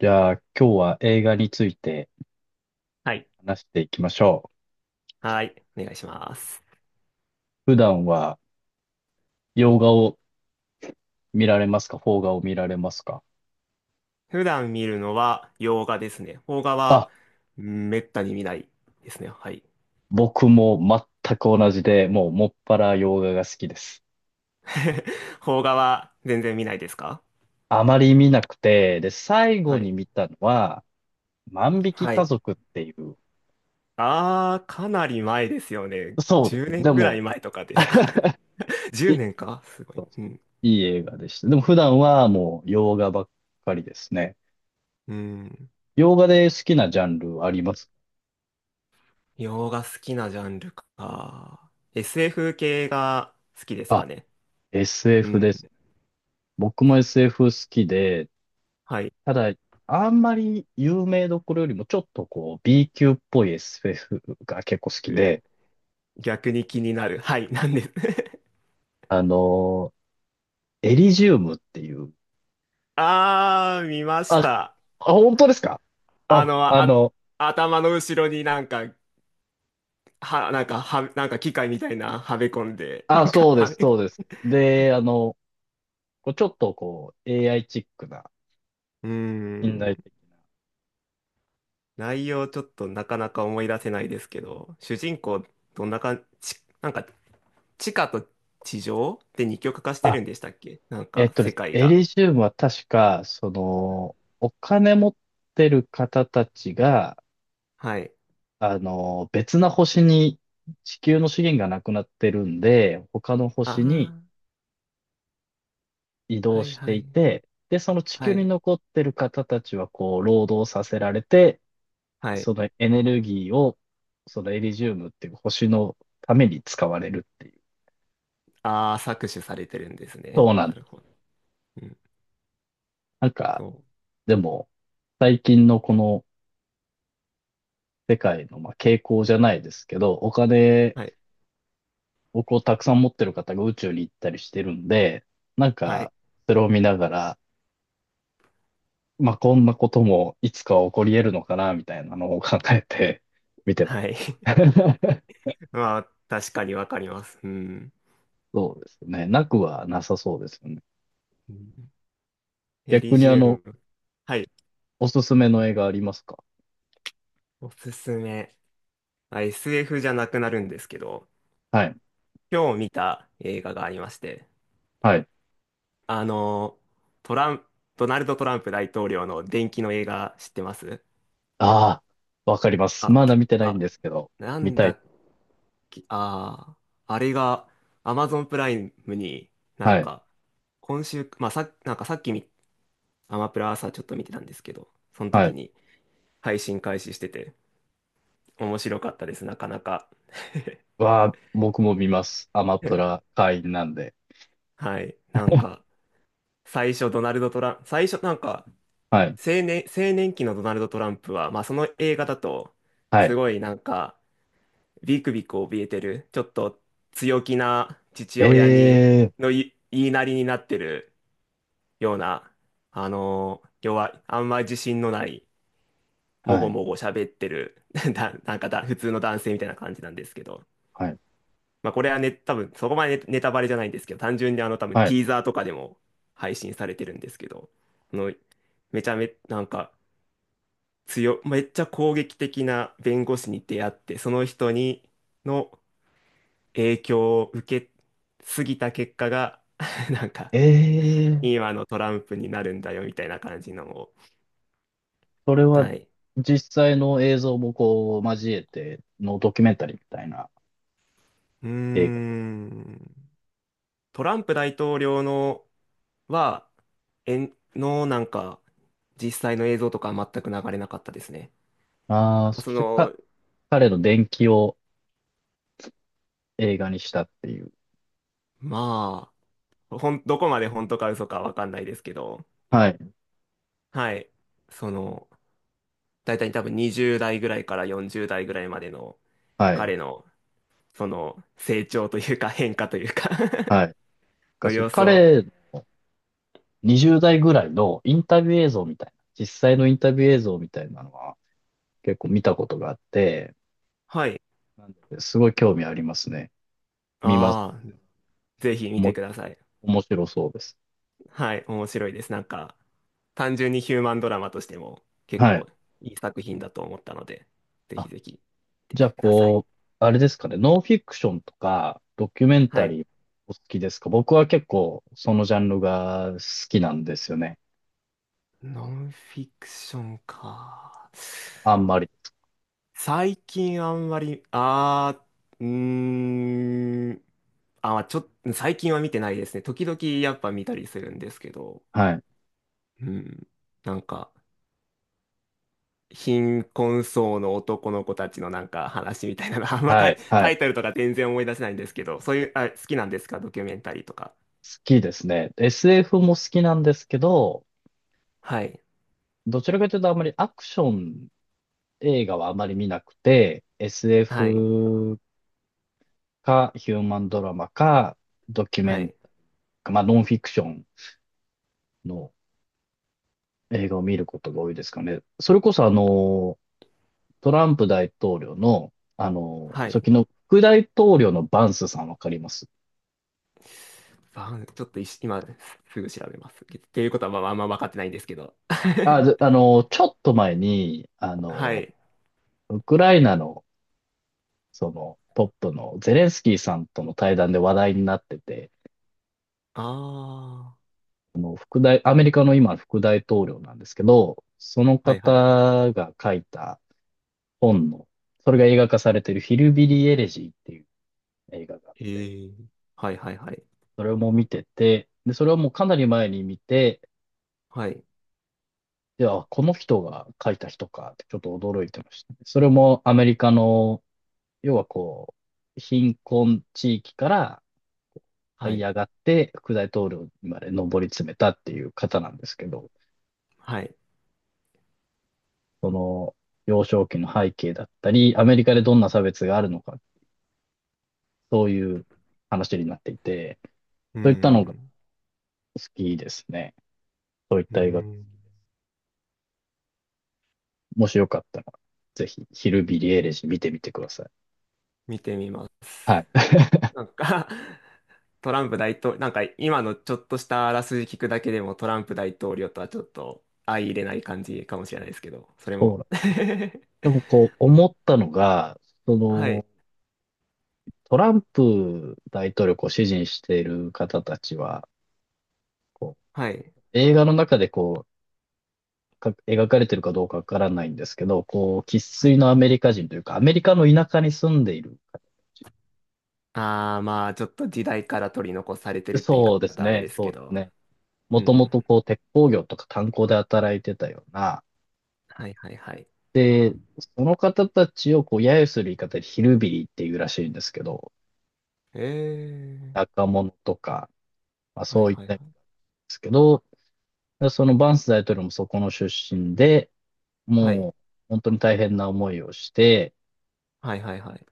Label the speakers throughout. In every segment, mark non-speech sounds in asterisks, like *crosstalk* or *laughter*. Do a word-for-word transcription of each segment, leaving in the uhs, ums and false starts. Speaker 1: じゃあ今日は映画について
Speaker 2: はい。
Speaker 1: 話していきましょ
Speaker 2: はい。お願いします。
Speaker 1: う。普段は洋画を見られますか？邦画を見られますか？
Speaker 2: 普段見るのは洋画ですね。邦画は、
Speaker 1: あ、
Speaker 2: うんめったに見ないですね。はい。
Speaker 1: 僕も全く同じで、もうもっぱら洋画が好きです。
Speaker 2: *laughs* 邦画は全然見ないですか？
Speaker 1: あまり見なくて、で、最後
Speaker 2: は
Speaker 1: に
Speaker 2: い。
Speaker 1: 見たのは、万引き
Speaker 2: は
Speaker 1: 家
Speaker 2: い。
Speaker 1: 族っていう、
Speaker 2: あー、かなり前ですよね。
Speaker 1: そうです
Speaker 2: 10
Speaker 1: ね。
Speaker 2: 年
Speaker 1: で
Speaker 2: ぐらい
Speaker 1: も、
Speaker 2: 前とかですか？
Speaker 1: *laughs*
Speaker 2: 10
Speaker 1: い
Speaker 2: 年 *laughs* かすごい。
Speaker 1: そうです。
Speaker 2: うん。
Speaker 1: いい映画でした。でも普段はもう洋画ばっかりですね。
Speaker 2: うん。
Speaker 1: 洋画で好きなジャンルありますか？
Speaker 2: 洋画好きなジャンルか。エスエフ 系が好きですか
Speaker 1: あ、
Speaker 2: ね。う
Speaker 1: エスエフ
Speaker 2: ん。
Speaker 1: です。僕も エスエフ 好きで、
Speaker 2: はい。
Speaker 1: ただ、あんまり有名どころよりもちょっとこう B 級っぽい エスエフ が結構好き
Speaker 2: え
Speaker 1: で、
Speaker 2: ー、逆に気になる。はい。なんです。*laughs*
Speaker 1: あのーエリジウムっていう、
Speaker 2: あー、見ま
Speaker 1: あ、
Speaker 2: した。
Speaker 1: あ、本当ですか？
Speaker 2: あ
Speaker 1: あ、
Speaker 2: の、
Speaker 1: あ
Speaker 2: あ、
Speaker 1: の、
Speaker 2: 頭の後ろになんか、は、なんか、は、なんか機械みたいなはめ込んで、な
Speaker 1: あ、
Speaker 2: んか、
Speaker 1: そうで
Speaker 2: はめ、
Speaker 1: す、そ
Speaker 2: う
Speaker 1: うです。で、あの、こうちょっとこう エーアイ チックな、
Speaker 2: ー
Speaker 1: 近
Speaker 2: ん、
Speaker 1: 代的
Speaker 2: 内容ちょっとなかなか思い出せないですけど、主人公、どんな感じ、なんか、地下と地上で二極化して
Speaker 1: な。
Speaker 2: る
Speaker 1: あ、
Speaker 2: んでしたっけ？なん
Speaker 1: えっ
Speaker 2: か、
Speaker 1: とで
Speaker 2: 世
Speaker 1: すね、
Speaker 2: 界
Speaker 1: エ
Speaker 2: が。
Speaker 1: リジウムは確か、その、お金持ってる方たちが、
Speaker 2: はい。
Speaker 1: あの、別な星に地球の資源がなくなってるんで、他の星
Speaker 2: あ
Speaker 1: に移
Speaker 2: あ、
Speaker 1: 動
Speaker 2: はい
Speaker 1: して
Speaker 2: は
Speaker 1: い
Speaker 2: い。
Speaker 1: て、で、その地球
Speaker 2: は
Speaker 1: に
Speaker 2: い。
Speaker 1: 残ってる方たちはこう、労働させられて、
Speaker 2: はい。
Speaker 1: そのエネルギーを、そのエリジウムっていう星のために使われるっていう。
Speaker 2: ああ、搾取されてるんですね。
Speaker 1: そうなん
Speaker 2: な
Speaker 1: で
Speaker 2: るほ
Speaker 1: す。
Speaker 2: ど。うん、
Speaker 1: なんか、
Speaker 2: そう。
Speaker 1: でも、最近のこの世界の、まあ、傾向じゃないですけど、お金
Speaker 2: はい。
Speaker 1: をこうたくさん持ってる方が宇宙に行ったりしてるんで、なん
Speaker 2: はい。
Speaker 1: か、それを見ながら、まあ、こんなこともいつかは起こり得るのかな、みたいなのを考えて *laughs* 見てます。
Speaker 2: はい。
Speaker 1: *laughs*
Speaker 2: *laughs* まあ、確かにわかります。うん。
Speaker 1: そうですね。なくはなさそうですよね。
Speaker 2: うん、エリ
Speaker 1: 逆に
Speaker 2: ジ
Speaker 1: あの、
Speaker 2: ウム。はい。
Speaker 1: おすすめの映画ありますか？
Speaker 2: おすすめ。まあ エスエフ じゃなくなるんですけど、
Speaker 1: はい。
Speaker 2: 今日見た映画がありまして、
Speaker 1: はい。
Speaker 2: あの、トラン、ドナルド・トランプ大統領の伝記の映画知ってます？
Speaker 1: ああ、わかります。
Speaker 2: あ、
Speaker 1: まだ見てないん
Speaker 2: あ、
Speaker 1: ですけど、
Speaker 2: な
Speaker 1: 見
Speaker 2: ん
Speaker 1: た
Speaker 2: だ
Speaker 1: い。
Speaker 2: っけ、ああ、あれが Amazon プライムになん
Speaker 1: はい。
Speaker 2: か、今週、まあ、さ、なんかさっきみアマプラ朝ちょっと見てたんですけど、その
Speaker 1: は
Speaker 2: 時
Speaker 1: い。
Speaker 2: に配信開始してて、面白かったです、なかなか。*laughs*
Speaker 1: わあ、僕も見ます。アマプラ会員なんで。
Speaker 2: はい。なんか、最初ドナルド・トランプ、最初なんか、
Speaker 1: はい。
Speaker 2: 青年、青年期のドナルド・トランプは、まあその映画だと、
Speaker 1: は
Speaker 2: す
Speaker 1: い。
Speaker 2: ごいなんか、ビクビク怯えてる、ちょっと強気な父親に、
Speaker 1: ええ
Speaker 2: のい言いなりになってるような、あのー弱い、あんま自信のない、
Speaker 1: ー、
Speaker 2: も
Speaker 1: は
Speaker 2: ご
Speaker 1: い。
Speaker 2: もご喋ってる、*laughs* な、なんかだ、普通の男性みたいな感じなんですけど、
Speaker 1: はい。
Speaker 2: まあこれはね、多分そこまでねネタバレじゃないんですけど、単純にあの多分
Speaker 1: は
Speaker 2: テ
Speaker 1: い。
Speaker 2: ィーザーとかでも配信されてるんですけど、あのめちゃめ、なんか強、めっちゃ攻撃的な弁護士に出会って、その人にの影響を受けすぎた結果が、*laughs* なんか
Speaker 1: ええー。
Speaker 2: 今のトランプになるんだよみたたいな感じのを。
Speaker 1: それは
Speaker 2: はい。
Speaker 1: 実際の映像もこう交えてのドキュメンタリーみたいな
Speaker 2: うー
Speaker 1: 映画です。
Speaker 2: ん。トランプ大統領のは、えんのなんか、実際の映像とかは全く流れなかったですね。
Speaker 1: ああ、
Speaker 2: まあ
Speaker 1: そ
Speaker 2: そ
Speaker 1: してか、
Speaker 2: の、
Speaker 1: 彼の伝記を映画にしたっていう。
Speaker 2: まあ、ほん、どこまで本当か嘘かわかんないですけど、
Speaker 1: はい、
Speaker 2: はい。その、大体多分にじゅうだい代ぐらいからよんじゅうだい代ぐらいまでの
Speaker 1: はい、
Speaker 2: 彼の、その、成長というか変化というか
Speaker 1: はい。
Speaker 2: *laughs*
Speaker 1: が
Speaker 2: の
Speaker 1: そう、
Speaker 2: 様子を、
Speaker 1: 彼のにじゅう代ぐらいのインタビュー映像みたいな、実際のインタビュー映像みたいなのは結構見たことがあって、
Speaker 2: はい。
Speaker 1: なんですごい興味ありますね。見ます。
Speaker 2: ああ、ぜひ
Speaker 1: お
Speaker 2: 見て
Speaker 1: も、
Speaker 2: ください。
Speaker 1: 面白そうです。
Speaker 2: はい、面白いです。なんか、単純にヒューマンドラマとしても結
Speaker 1: はい。
Speaker 2: 構いい作品だと思ったので、ぜひ
Speaker 1: あ
Speaker 2: ぜひ見
Speaker 1: じ
Speaker 2: て
Speaker 1: ゃあ、
Speaker 2: ください。
Speaker 1: こう、あれですかね、ノンフィクションとか、ドキュメン
Speaker 2: は
Speaker 1: タ
Speaker 2: い。
Speaker 1: リーお好きですか？僕は結構、そのジャンルが好きなんですよね。
Speaker 2: ノンフィクションか。
Speaker 1: あんまり。
Speaker 2: 最近あんまり、あー、うーん、あ、ちょっと、最近は見てないですね。時々やっぱ見たりするんですけど、
Speaker 1: はい。
Speaker 2: うん、なんか、貧困層の男の子たちのなんか話みたいなの、*laughs* あんまタ
Speaker 1: は
Speaker 2: イ、
Speaker 1: い。は
Speaker 2: タ
Speaker 1: い。
Speaker 2: イ
Speaker 1: 好
Speaker 2: トルとか全然思い出せないんですけど、そういう、あ、好きなんですか？ドキュメンタリーとか。
Speaker 1: きですね。エスエフ も好きなんですけど、
Speaker 2: はい。
Speaker 1: どちらかというとあんまりアクション映画はあまり見なくて、
Speaker 2: はい。
Speaker 1: エスエフ かヒューマンドラマか、ドキュメ
Speaker 2: は
Speaker 1: ン
Speaker 2: い。
Speaker 1: タ、まあ、ノンフィクションの映画を見ることが多いですかね。それこそあの、トランプ大統領の、あの、
Speaker 2: はい。
Speaker 1: 初期の副大統領のバンスさんわかります？
Speaker 2: バンちょっといし今すぐ調べます。っていうことはまあ、あんま分かってないんですけど。
Speaker 1: あ、
Speaker 2: *laughs*
Speaker 1: であの、ちょっと前に、あ
Speaker 2: は
Speaker 1: の、
Speaker 2: い。
Speaker 1: ウクライナの、その、トップのゼレンスキーさんとの対談で話題になってて、
Speaker 2: ああ。
Speaker 1: 副大、アメリカの今の副大統領なんですけど、その
Speaker 2: はいはいはい。
Speaker 1: 方が書いた本の、それが映画化されているヒルビリー・エレジーっていう映画があって、
Speaker 2: へえ。はいはいはい。
Speaker 1: それも見てて、で、それをもうかなり前に見て、
Speaker 2: はい。
Speaker 1: いや、この人が書いた人かってちょっと驚いてましたね。それもアメリカの、要はこう、貧困地域から這
Speaker 2: は
Speaker 1: い
Speaker 2: い。
Speaker 1: 上がって副大統領にまで上り詰めたっていう方なんですけど、
Speaker 2: はい。
Speaker 1: その幼少期の背景だったり、アメリカでどんな差別があるのか、そういう話になっていて、
Speaker 2: うー
Speaker 1: そういったのが好
Speaker 2: ん。
Speaker 1: きですね。そういっ
Speaker 2: うー
Speaker 1: た映画。
Speaker 2: ん。
Speaker 1: もしよかったら、ぜひ、ヒルビリーエレジー見てみてください。
Speaker 2: 見てみます。
Speaker 1: はい。*laughs*
Speaker 2: なんか *laughs* トランプ大統領、なんか今のちょっとしたあらすじ聞くだけでもトランプ大統領とはちょっと相入れない感じかもしれないですけど、それ
Speaker 1: そ
Speaker 2: も。
Speaker 1: う
Speaker 2: *laughs*
Speaker 1: でもこう思ったのが、そ
Speaker 2: は
Speaker 1: の
Speaker 2: い、
Speaker 1: トランプ大統領をこう支持している方たちは、こ
Speaker 2: はい、
Speaker 1: う映画の中でこうか描かれているかどうかわからないんですけど、こう生
Speaker 2: は
Speaker 1: 粋
Speaker 2: い。
Speaker 1: のアメリカ人というか、アメリカの田舎に住んでいる方たち。
Speaker 2: ああ、まあちょっと時代から取り残されてるって言い
Speaker 1: そうです
Speaker 2: 方はあれ
Speaker 1: ね、
Speaker 2: です
Speaker 1: そ
Speaker 2: け
Speaker 1: うです
Speaker 2: ど。
Speaker 1: ね。も
Speaker 2: ふん
Speaker 1: と
Speaker 2: ふ
Speaker 1: も
Speaker 2: ん
Speaker 1: と
Speaker 2: ふん、
Speaker 1: こう鉄鋼業とか炭鉱で働いてたような、
Speaker 2: はい、はい、はい。
Speaker 1: で、その方たちをこう揶揄する言い方でヒルビリーっていうらしいんですけど、
Speaker 2: ええ、
Speaker 1: 若者とか、まあ
Speaker 2: はい、
Speaker 1: そういっ
Speaker 2: はい、
Speaker 1: た
Speaker 2: は
Speaker 1: 意味なんですけど、でそのバンス大統領もそこの出身で、
Speaker 2: い。
Speaker 1: もう本当に大変な思いをして
Speaker 2: はい、はい、はい、はい。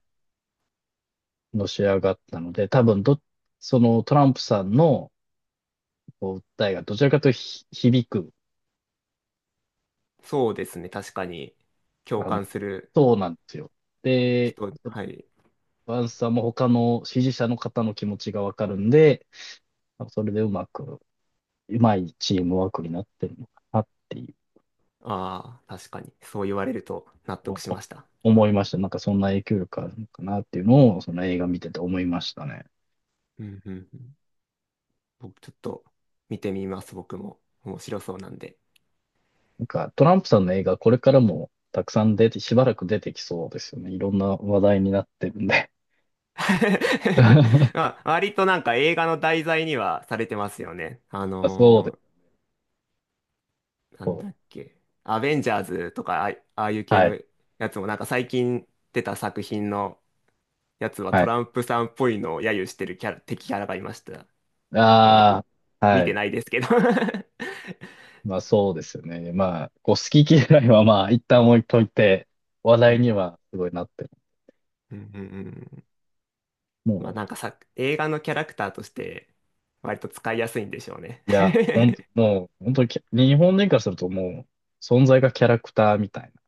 Speaker 1: のし上がったので、多分ど、そのトランプさんのこう訴えがどちらかというとひ響く、
Speaker 2: そうですね、確かに。共
Speaker 1: あの、
Speaker 2: 感する
Speaker 1: そうなんですよ。で、
Speaker 2: 人、はい。
Speaker 1: バンスさんも他の支持者の方の気持ちがわかるんで、それでうまく、うまいチームワークになってるのかなっていう、
Speaker 2: ああ、確かに。そう言われると納得
Speaker 1: お
Speaker 2: しました。
Speaker 1: 思いました。なんかそんな影響力あるのかなっていうのを、その映画見てて思いましたね。
Speaker 2: うん、うん、うん。僕ちょっと見てみます、僕も。面白そうなんで。
Speaker 1: なんか、トランプさんの映画、これからもたくさん出て、しばらく出てきそうですよね。いろんな話題になってるんで。*laughs* ま
Speaker 2: *laughs* まあ、割となんか映画の題材にはされてますよね。あ
Speaker 1: あ、そうで
Speaker 2: のー、
Speaker 1: す。
Speaker 2: なんだっ
Speaker 1: そ
Speaker 2: け。アベンジャーズとか、あ、ああいう
Speaker 1: う。
Speaker 2: 系
Speaker 1: はい。
Speaker 2: のやつもなんか最近出た作品のやつは
Speaker 1: は
Speaker 2: ト
Speaker 1: い。
Speaker 2: ランプさんっぽいのを揶揄してるキャラ、敵キャラがいましたよね。み
Speaker 1: ああ、
Speaker 2: 見
Speaker 1: は
Speaker 2: て
Speaker 1: い。
Speaker 2: ないですけど *laughs*
Speaker 1: まあ、そうですよね。まあ、こう、好き嫌いはまあ、一旦置いといて、話
Speaker 2: う
Speaker 1: 題
Speaker 2: ん、
Speaker 1: にはすごいなってる。
Speaker 2: うん、うん。うん、まあ
Speaker 1: も
Speaker 2: なんかさ、映画のキャラクターとして割と使いやすいんでしょうね。
Speaker 1: う、いや、本当もう、本当にき、日本人からするともう、存在がキャラクターみたいな。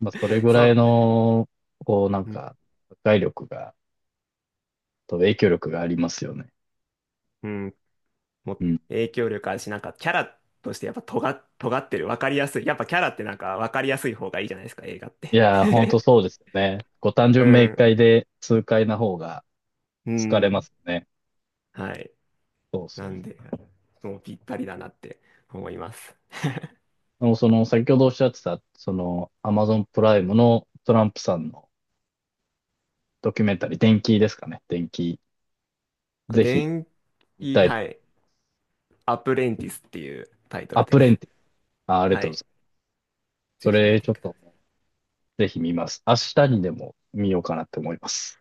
Speaker 1: まあ、それ ぐ
Speaker 2: そ
Speaker 1: らい
Speaker 2: う、
Speaker 1: の、こう、なん
Speaker 2: うん、
Speaker 1: か、破壊力が、と影響力がありますよね。
Speaker 2: うん、も
Speaker 1: う
Speaker 2: う
Speaker 1: ん。
Speaker 2: 影響力あるし、なんかキャラとしてやっぱ尖っ、尖ってる、わかりやすい。やっぱキャラってなんかわかりやすい方がいいじゃないですか、映画っ
Speaker 1: い
Speaker 2: て。
Speaker 1: やー、ほんと
Speaker 2: *laughs*
Speaker 1: そうですよね。ご単
Speaker 2: う
Speaker 1: 純明
Speaker 2: ん、
Speaker 1: 快で痛快な方が
Speaker 2: う
Speaker 1: 疲れま
Speaker 2: ん、
Speaker 1: すよね。
Speaker 2: *laughs* はい。
Speaker 1: そうです
Speaker 2: な
Speaker 1: よね。
Speaker 2: んで、もうぴったりだなって思います。
Speaker 1: でもその、先ほどおっしゃってた、その、アマゾンプライムのトランプさんのドキュメンタリー、電気ですかね。電気、ぜひ
Speaker 2: 電
Speaker 1: 見
Speaker 2: 気、
Speaker 1: たいと。
Speaker 2: はい、アプレンティスっていうタイトル
Speaker 1: ア
Speaker 2: で
Speaker 1: プレン
Speaker 2: す。
Speaker 1: ティス。あ、ありが
Speaker 2: は
Speaker 1: とうござい
Speaker 2: い、
Speaker 1: ます。
Speaker 2: ぜ
Speaker 1: そ
Speaker 2: ひ見
Speaker 1: れ、ち
Speaker 2: て
Speaker 1: ょっ
Speaker 2: くださ
Speaker 1: と
Speaker 2: い。
Speaker 1: もう、ぜひ見ます。明日にでも見ようかなって思います。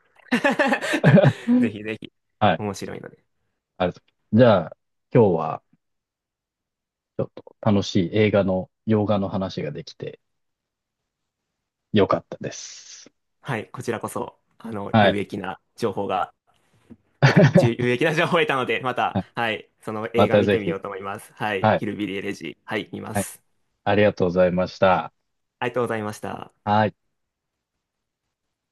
Speaker 1: *laughs*
Speaker 2: *laughs* ぜひぜひ、
Speaker 1: はい、
Speaker 2: 面白いので。
Speaker 1: ありがとうございます。じゃあ、今日は、ちょっと楽しい映画の、洋画の話ができてよかったです。
Speaker 2: はい、こちらこそ、あの、
Speaker 1: は
Speaker 2: 有
Speaker 1: い。
Speaker 2: 益な情報が得た、じゅ有益な情報を得たので、また、
Speaker 1: はい。
Speaker 2: はい、その映
Speaker 1: ま
Speaker 2: 画
Speaker 1: た
Speaker 2: 見
Speaker 1: ぜ
Speaker 2: てみ
Speaker 1: ひ。
Speaker 2: ようと思います。はい、
Speaker 1: はい。
Speaker 2: ヒルビリー・エレジー、はい、見ま
Speaker 1: はい。
Speaker 2: す。
Speaker 1: ありがとうございました。
Speaker 2: ありがとうございました。
Speaker 1: はい。